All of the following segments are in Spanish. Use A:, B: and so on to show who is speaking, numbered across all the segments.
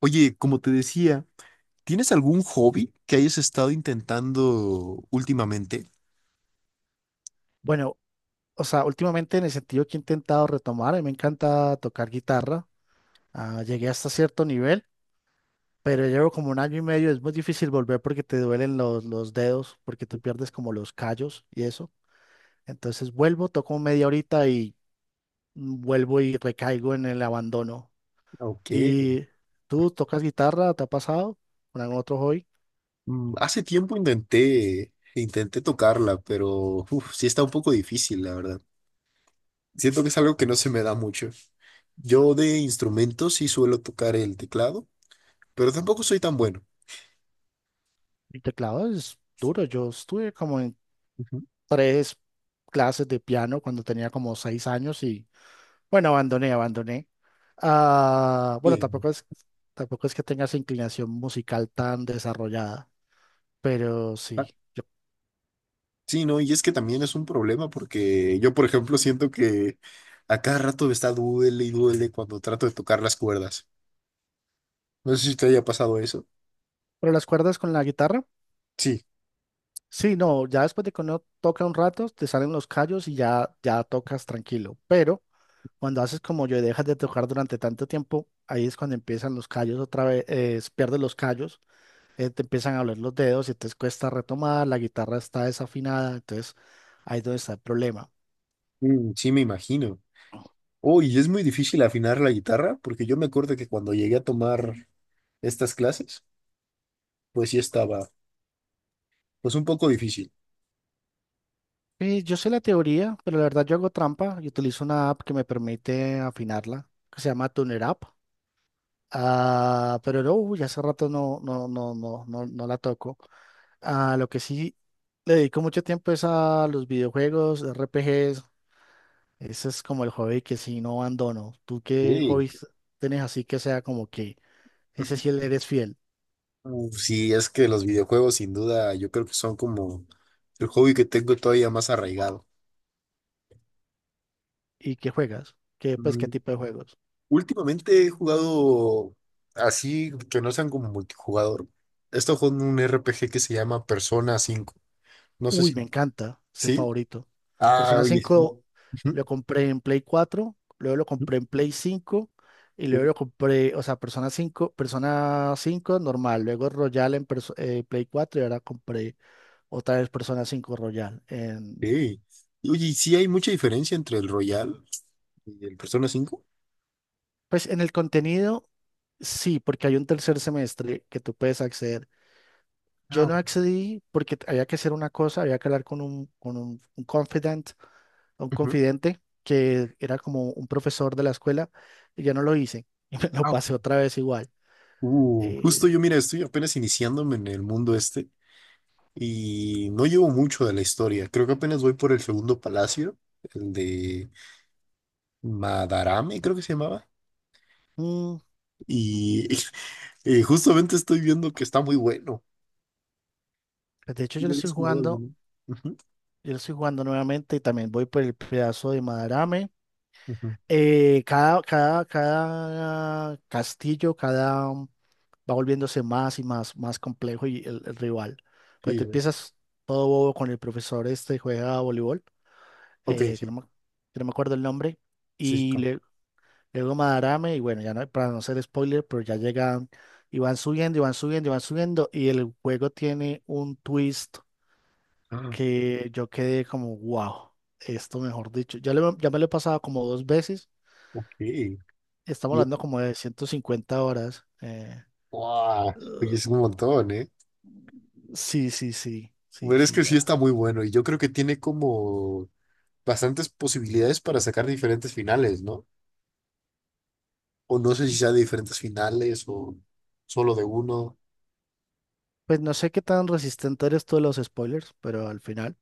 A: Oye, como te decía, ¿tienes algún hobby que hayas estado intentando últimamente?
B: Bueno, o sea, últimamente en el sentido que he intentado retomar, a mí me encanta tocar guitarra. Llegué hasta cierto nivel, pero llevo como un año y medio. Es muy difícil volver porque te duelen los dedos, porque tú pierdes como los callos y eso. Entonces vuelvo, toco media horita y vuelvo y recaigo en el abandono.
A: Okay.
B: ¿Y tú tocas guitarra? ¿Te ha pasado con algún otro hobby?
A: Hace tiempo intenté tocarla, pero uf, sí está un poco difícil, la verdad. Siento que es algo que no se me da mucho. Yo de instrumentos sí suelo tocar el teclado, pero tampoco soy tan bueno.
B: El teclado es duro. Yo estuve como en
A: Ujú.
B: tres clases de piano cuando tenía como 6 años y bueno, abandoné, abandoné. Ah, bueno,
A: Bien.
B: tampoco es que tenga esa inclinación musical tan desarrollada, pero
A: Ah,
B: sí. yo-
A: sí, no, y es que también es un problema porque yo, por ejemplo, siento que a cada rato me está duele y duele cuando trato de tocar las cuerdas. No sé si te haya pasado eso.
B: pero las cuerdas con la guitarra,
A: Sí,
B: sí, no, ya después de que uno toca un rato, te salen los callos y ya, ya tocas tranquilo. Pero cuando haces como yo y dejas de tocar durante tanto tiempo, ahí es cuando empiezan los callos otra vez, pierdes los callos, te empiezan a doler los dedos y te cuesta retomar, la guitarra está desafinada, entonces ahí es donde está el problema.
A: sí me imagino. Oh, y es muy difícil afinar la guitarra, porque yo me acuerdo que cuando llegué a tomar estas clases, pues sí estaba, pues un poco difícil.
B: Yo sé la teoría, pero la verdad yo hago trampa y utilizo una app que me permite afinarla, que se llama Tuner App. Ah, pero no, uy, hace rato no, no, no, no, no, no la toco. Ah, lo que sí le dedico mucho tiempo es a los videojuegos, RPGs. Ese es como el hobby que sí no abandono. ¿Tú qué
A: Sí.
B: hobbies tienes así que sea como que ese sí le eres fiel
A: Sí, es que los videojuegos sin duda yo creo que son como el hobby que tengo todavía más arraigado.
B: y que juegas? ¿Qué, pues, qué
A: Mm,
B: tipo de juegos?
A: Últimamente he jugado así que no sean como multijugador. He estado jugando un RPG que se llama Persona cinco. No sé
B: Uy,
A: si...
B: me encanta ese
A: ¿Sí?
B: favorito.
A: Ah,
B: Persona
A: oye.
B: 5, lo compré en Play 4, luego lo compré en Play 5 y luego
A: Ujú.
B: lo compré, o sea, Persona 5 normal, luego Royal en Play 4 y ahora compré otra vez Persona cinco Royal.
A: Sí. Y oye, ¿y sí hay mucha diferencia entre el Royal y el Persona cinco?
B: Pues en el contenido, sí, porque hay un tercer semestre que tú puedes acceder.
A: Ah,
B: Yo no
A: ok.
B: accedí porque había que hacer una cosa, había que hablar con un confidant, un
A: Ujú.
B: confidente que era como un profesor de la escuela y ya no lo hice y me lo
A: Ah, ok.
B: pasé otra vez igual. Eh,
A: Justo yo, mira, estoy apenas iniciándome en el mundo este y no llevo mucho de la historia. Creo que apenas voy por el segundo palacio, el de Madarame, creo que se llamaba.
B: mm, ujú.
A: Y justamente estoy viendo que está muy bueno.
B: Pues de hecho yo
A: ¿Ya
B: lo estoy
A: habías jugado
B: jugando,
A: alguno? Ujú,
B: yo lo estoy jugando nuevamente y también voy por el pedazo de Madarame.
A: ujú.
B: Cada castillo, va volviéndose más y más, más complejo y el rival. Pues
A: Sí,
B: te
A: a ver.
B: empiezas todo bobo con el profesor este juega voleibol,
A: Ok,
B: eh, que no
A: sí.
B: me, que no me acuerdo el nombre,
A: Sí,
B: y
A: está.
B: le Llegó Madarame y bueno, ya no, para no ser spoiler, pero ya llegan y van subiendo y van subiendo y van subiendo y el juego tiene un twist
A: Ah,
B: que yo quedé como, wow, esto mejor dicho, ya, ya me lo he pasado como dos veces,
A: ok.
B: estamos
A: Y,
B: hablando como de 150 horas.
A: ¡guau! Oye, es un montón, ¿eh?
B: Sí, sí, sí, sí,
A: Pero es
B: sí.
A: que sí
B: La.
A: está muy bueno y yo creo que tiene como bastantes posibilidades para sacar diferentes finales, ¿no? O no sé si sea de diferentes finales o solo de uno.
B: Pues no sé qué tan resistente eres tú a los spoilers, pero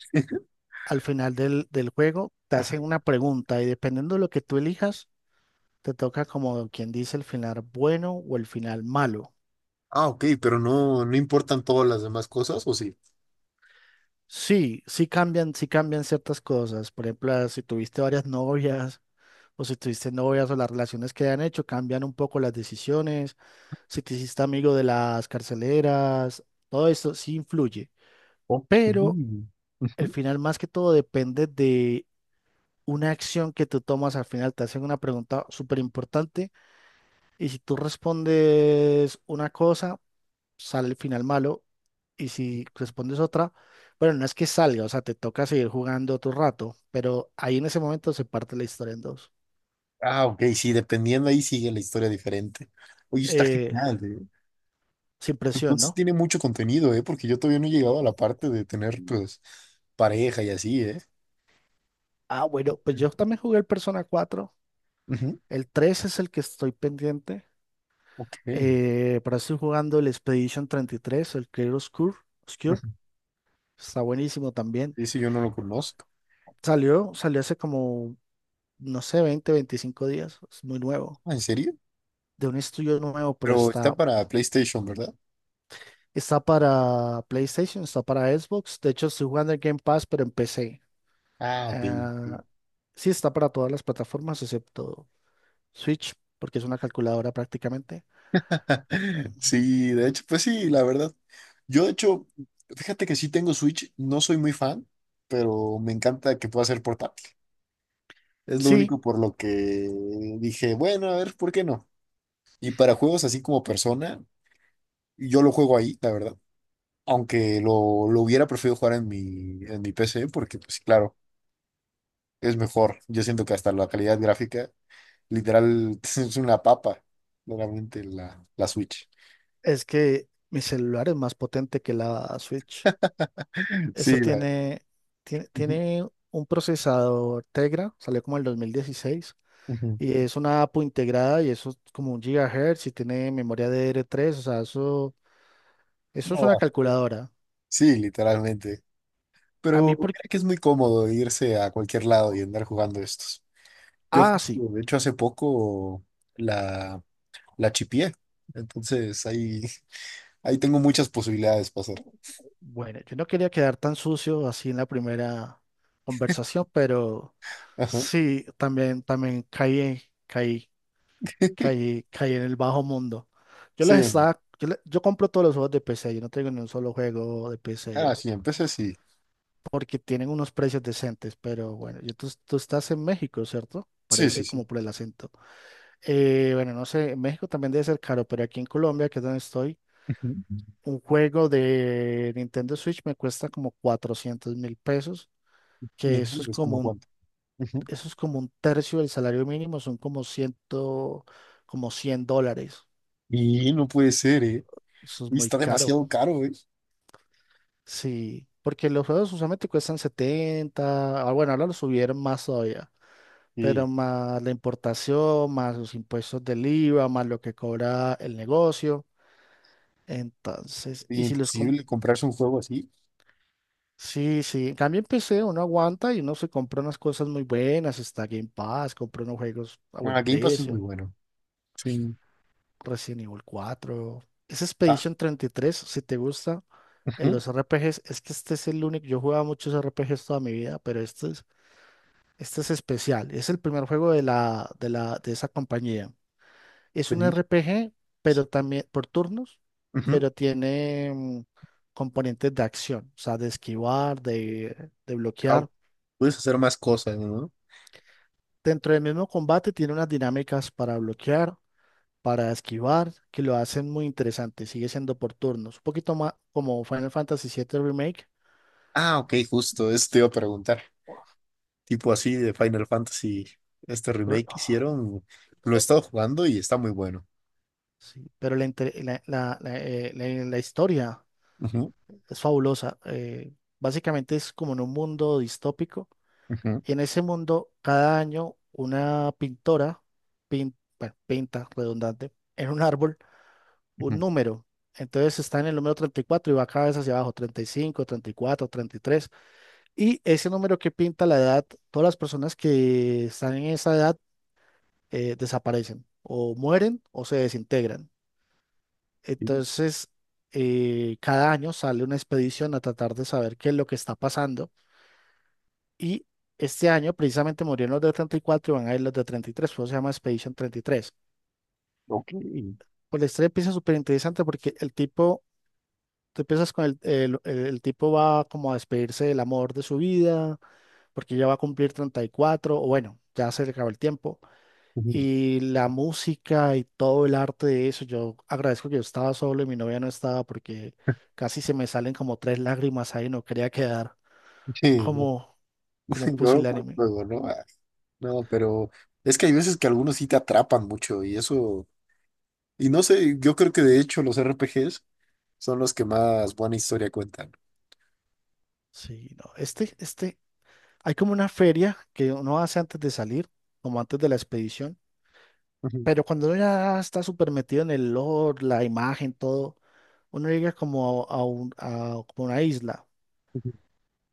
B: al final del juego te hacen una pregunta y dependiendo de lo que tú elijas te toca como quien dice el final bueno o el final malo.
A: Ah, ok, pero no, no importan todas las demás cosas, ¿o sí?
B: Sí, sí cambian ciertas cosas. Por ejemplo, ah, si tuviste varias novias o si tuviste novias o las relaciones que han hecho, cambian un poco las decisiones. Si te hiciste amigo de las carceleras, todo eso sí influye.
A: Ok.
B: Pero el
A: Ujú.
B: final más que todo depende de una acción que tú tomas al final. Te hacen una pregunta súper importante y si tú respondes una cosa sale el final malo y si respondes otra, bueno, no es que salga, o sea, te toca seguir jugando otro rato, pero ahí en ese momento se parte la historia en dos.
A: Ah, ok, sí, dependiendo ahí sigue la historia diferente. Oye, está
B: Eh,
A: genial, ¿eh?
B: Sin
A: Pues
B: presión,
A: entonces
B: ¿no?
A: tiene mucho contenido, ¿eh? Porque yo todavía no he llegado a la parte de tener, pues, pareja y así, ¿eh?
B: Ah, bueno, pues yo también jugué el Persona cuatro.
A: Ujú.
B: El 3 es el que estoy pendiente.
A: Ok,
B: Pero estoy jugando el Expedition 33 el Clear Obscure. Obscure.
A: Ujú.
B: Está buenísimo también.
A: Ese yo no lo conozco.
B: Salió hace como, no sé, 20 25 días. Es muy nuevo.
A: Ah, ¿en serio?
B: De un estudio nuevo, pero
A: Pero está
B: está.
A: para PlayStation, ¿verdad?
B: Está para PlayStation, está para Xbox. De hecho, estoy jugando el Game Pass, pero en PC.
A: Ah, ok. Ok.
B: Ah, sí, está para todas las plataformas, excepto Switch, porque es una calculadora prácticamente.
A: Sí, de hecho, pues sí, la verdad. Yo, de hecho, fíjate que sí tengo Switch, no soy muy fan, pero me encanta que pueda ser portátil. Es lo
B: Sí,
A: único por lo que dije, bueno, a ver, ¿por qué no? Y para juegos así como Persona, yo lo juego ahí, la verdad. Aunque lo hubiera preferido jugar en mi PC, porque, pues claro, es mejor. Yo siento que hasta la calidad gráfica literal, es una papa, claramente la Switch.
B: es que mi celular es más potente que la Switch. Eso
A: Sí, la...
B: tiene, tiene,
A: Ujú,
B: tiene un procesador Tegra, salió como el 2016
A: ujú.
B: y es una APU integrada y eso es como un gigahertz y tiene memoria DDR3, o sea, eso es
A: No
B: una
A: va.
B: calculadora.
A: Sí, literalmente.
B: A
A: Pero
B: mí, por.
A: mira que es muy cómodo irse a cualquier lado y andar jugando estos. Yo,
B: Ah,
A: justo,
B: sí.
A: de hecho, hace poco la, la chipié. Entonces, ahí, ahí tengo muchas posibilidades para hacer.
B: Bueno, yo no quería quedar tan sucio así en la primera conversación, pero
A: Ajá.
B: sí, también, también caí en el bajo mundo. Yo les
A: Sí.
B: estaba, yo, le- yo compro todos los juegos de PC, yo no tengo ni un solo juego de
A: Ah,
B: PC,
A: sí, empecé, sí.
B: porque tienen unos precios decentes, pero bueno, tú estás en México, ¿cierto?
A: Sí, sí,
B: Parece
A: sí.
B: como por el acento. Bueno, no sé, en México también debe ser caro, pero aquí en Colombia, que es donde estoy,
A: Ujú.
B: un juego de Nintendo Switch me cuesta como 400.000 pesos que
A: Bien,
B: eso es
A: es
B: como
A: como
B: un,
A: cuánto. Ujú.
B: eso es como un tercio del salario mínimo, son como cien dólares.
A: Y no puede ser, ¿eh?
B: Eso es
A: Y
B: muy
A: está
B: caro.
A: demasiado caro, ¿eh?
B: Sí, porque los juegos usualmente cuestan 70 bueno, ahora lo subieron más todavía, pero
A: Sí.
B: más la importación, más los impuestos del IVA, más lo que cobra el negocio. Entonces,
A: Y
B: y si los com-.
A: imposible comprarse un juego así.
B: Sí, sí, en cambio en PC uno aguanta y uno se compra unas cosas muy buenas, está Game Pass, compra unos juegos a buen
A: Ah, Game Pass es muy
B: precio.
A: bueno. Sí.
B: Resident Evil 4. Ese
A: Ah,
B: Expedition 33 si te gusta, en
A: ujú,
B: los RPGs, es que este es el único, yo jugaba muchos RPGs toda mi vida, pero este es especial. Es el primer juego de esa compañía. Es
A: te
B: un
A: dije.
B: RPG, pero también por turnos,
A: Ujú.
B: pero tiene componentes de acción, o sea, de esquivar, de
A: Ah,
B: bloquear.
A: puedes hacer más cosas, ¿no?
B: Dentro del mismo combate tiene unas dinámicas para bloquear para esquivar, que lo hacen muy interesante, sigue siendo por turnos, un poquito más como Final Fantasy VII Remake,
A: Ah, ok, justo, eso te iba a preguntar. Tipo así de Final Fantasy, este
B: pero,
A: remake que
B: oh,
A: hicieron, lo he estado jugando y está muy bueno.
B: sí, pero la, la historia
A: Ujú,
B: es fabulosa. Básicamente es como en un mundo distópico,
A: ujú,
B: y en ese mundo cada año una pintora bueno, pinta, redundante, en un árbol un
A: ujú.
B: número. Entonces está en el número 34 y cuatro y va cada vez hacia abajo, 35, 34, 33. Y ese número que pinta la edad, todas las personas que están en esa edad desaparecen o mueren o se desintegran.
A: Sí,
B: Entonces, cada año sale una expedición a tratar de saber qué es lo que está pasando. Y este año precisamente murieron los de 34 y van a ir los de 33, por eso se llama Expedition 33.
A: ok.
B: Pues la historia empieza súper interesante porque el tipo, tú empiezas con el tipo va como a despedirse del amor de su vida, porque ya va a cumplir 34, o bueno, ya se le acabó el tiempo.
A: Ujú.
B: Y la música y todo el arte de eso, yo agradezco que yo estaba solo y mi novia no estaba porque casi se me salen como tres lágrimas ahí, no quería quedar
A: Sí, no,
B: como, como, un
A: lloro con el
B: pusilánime.
A: juego, ¿no? Ah, no, pero es que hay
B: Uh,
A: veces que algunos sí te atrapan mucho y eso, y no sé, yo creo que de hecho los RPGs son los que más buena historia cuentan.
B: Sí, no, hay como una feria que uno hace antes de salir, como antes de la expedición,
A: Ujú,
B: pero cuando uno ya está súper metido en el lore, la imagen, todo, uno llega como a un- a- como una isla.
A: ujú,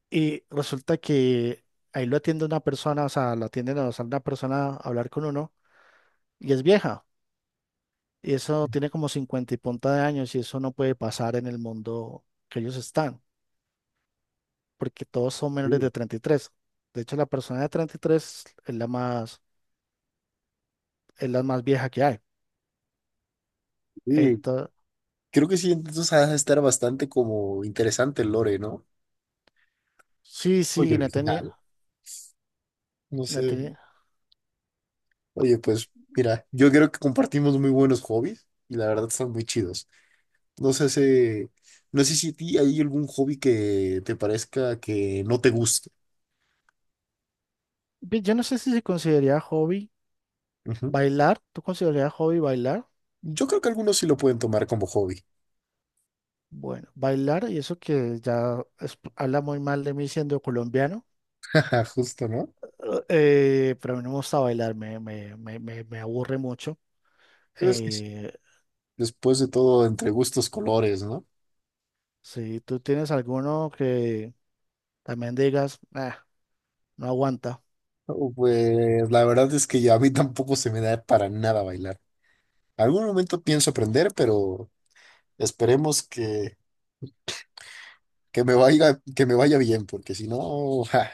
B: Y resulta que ahí lo atiende una persona, o sea, lo atienden o sale una persona a hablar con uno y es vieja. Y eso tiene como 50 y punta de años y eso no puede pasar en el mundo que ellos están, porque todos son menores
A: sí,
B: de 33. De hecho, la persona de 33 es la más vieja que hay.
A: sí.
B: Entonces,
A: Creo que sí, entonces ha de estar bastante como interesante el lore, ¿no?
B: sí,
A: Oye,
B: sí, no tenía,
A: original. No
B: no
A: sé.
B: tenía.
A: Oye, pues mira, yo creo que compartimos muy buenos hobbies y la verdad son muy chidos. No sé no sé si a ti hay algún hobby que te parezca que no te guste.
B: Ve, yo no sé si se consideraría hobby
A: Ujú.
B: bailar. ¿Tú considerarías hobby bailar?
A: Yo creo que algunos sí lo pueden tomar como hobby.
B: Bueno, bailar y eso que habla muy mal de mí siendo colombiano.
A: Justo, ¿no?
B: Pero a mí no me gusta bailar, me aburre mucho.
A: Pero es que
B: Eh,
A: después de todo, entre gustos, colores, ¿no?
B: si tú tienes alguno que también digas, "Ah, no aguanta."
A: Oh, pues la verdad es que ya a mí tampoco se me da para nada bailar. Algún momento pienso aprender, pero esperemos que me vaya bien, porque si no, ja.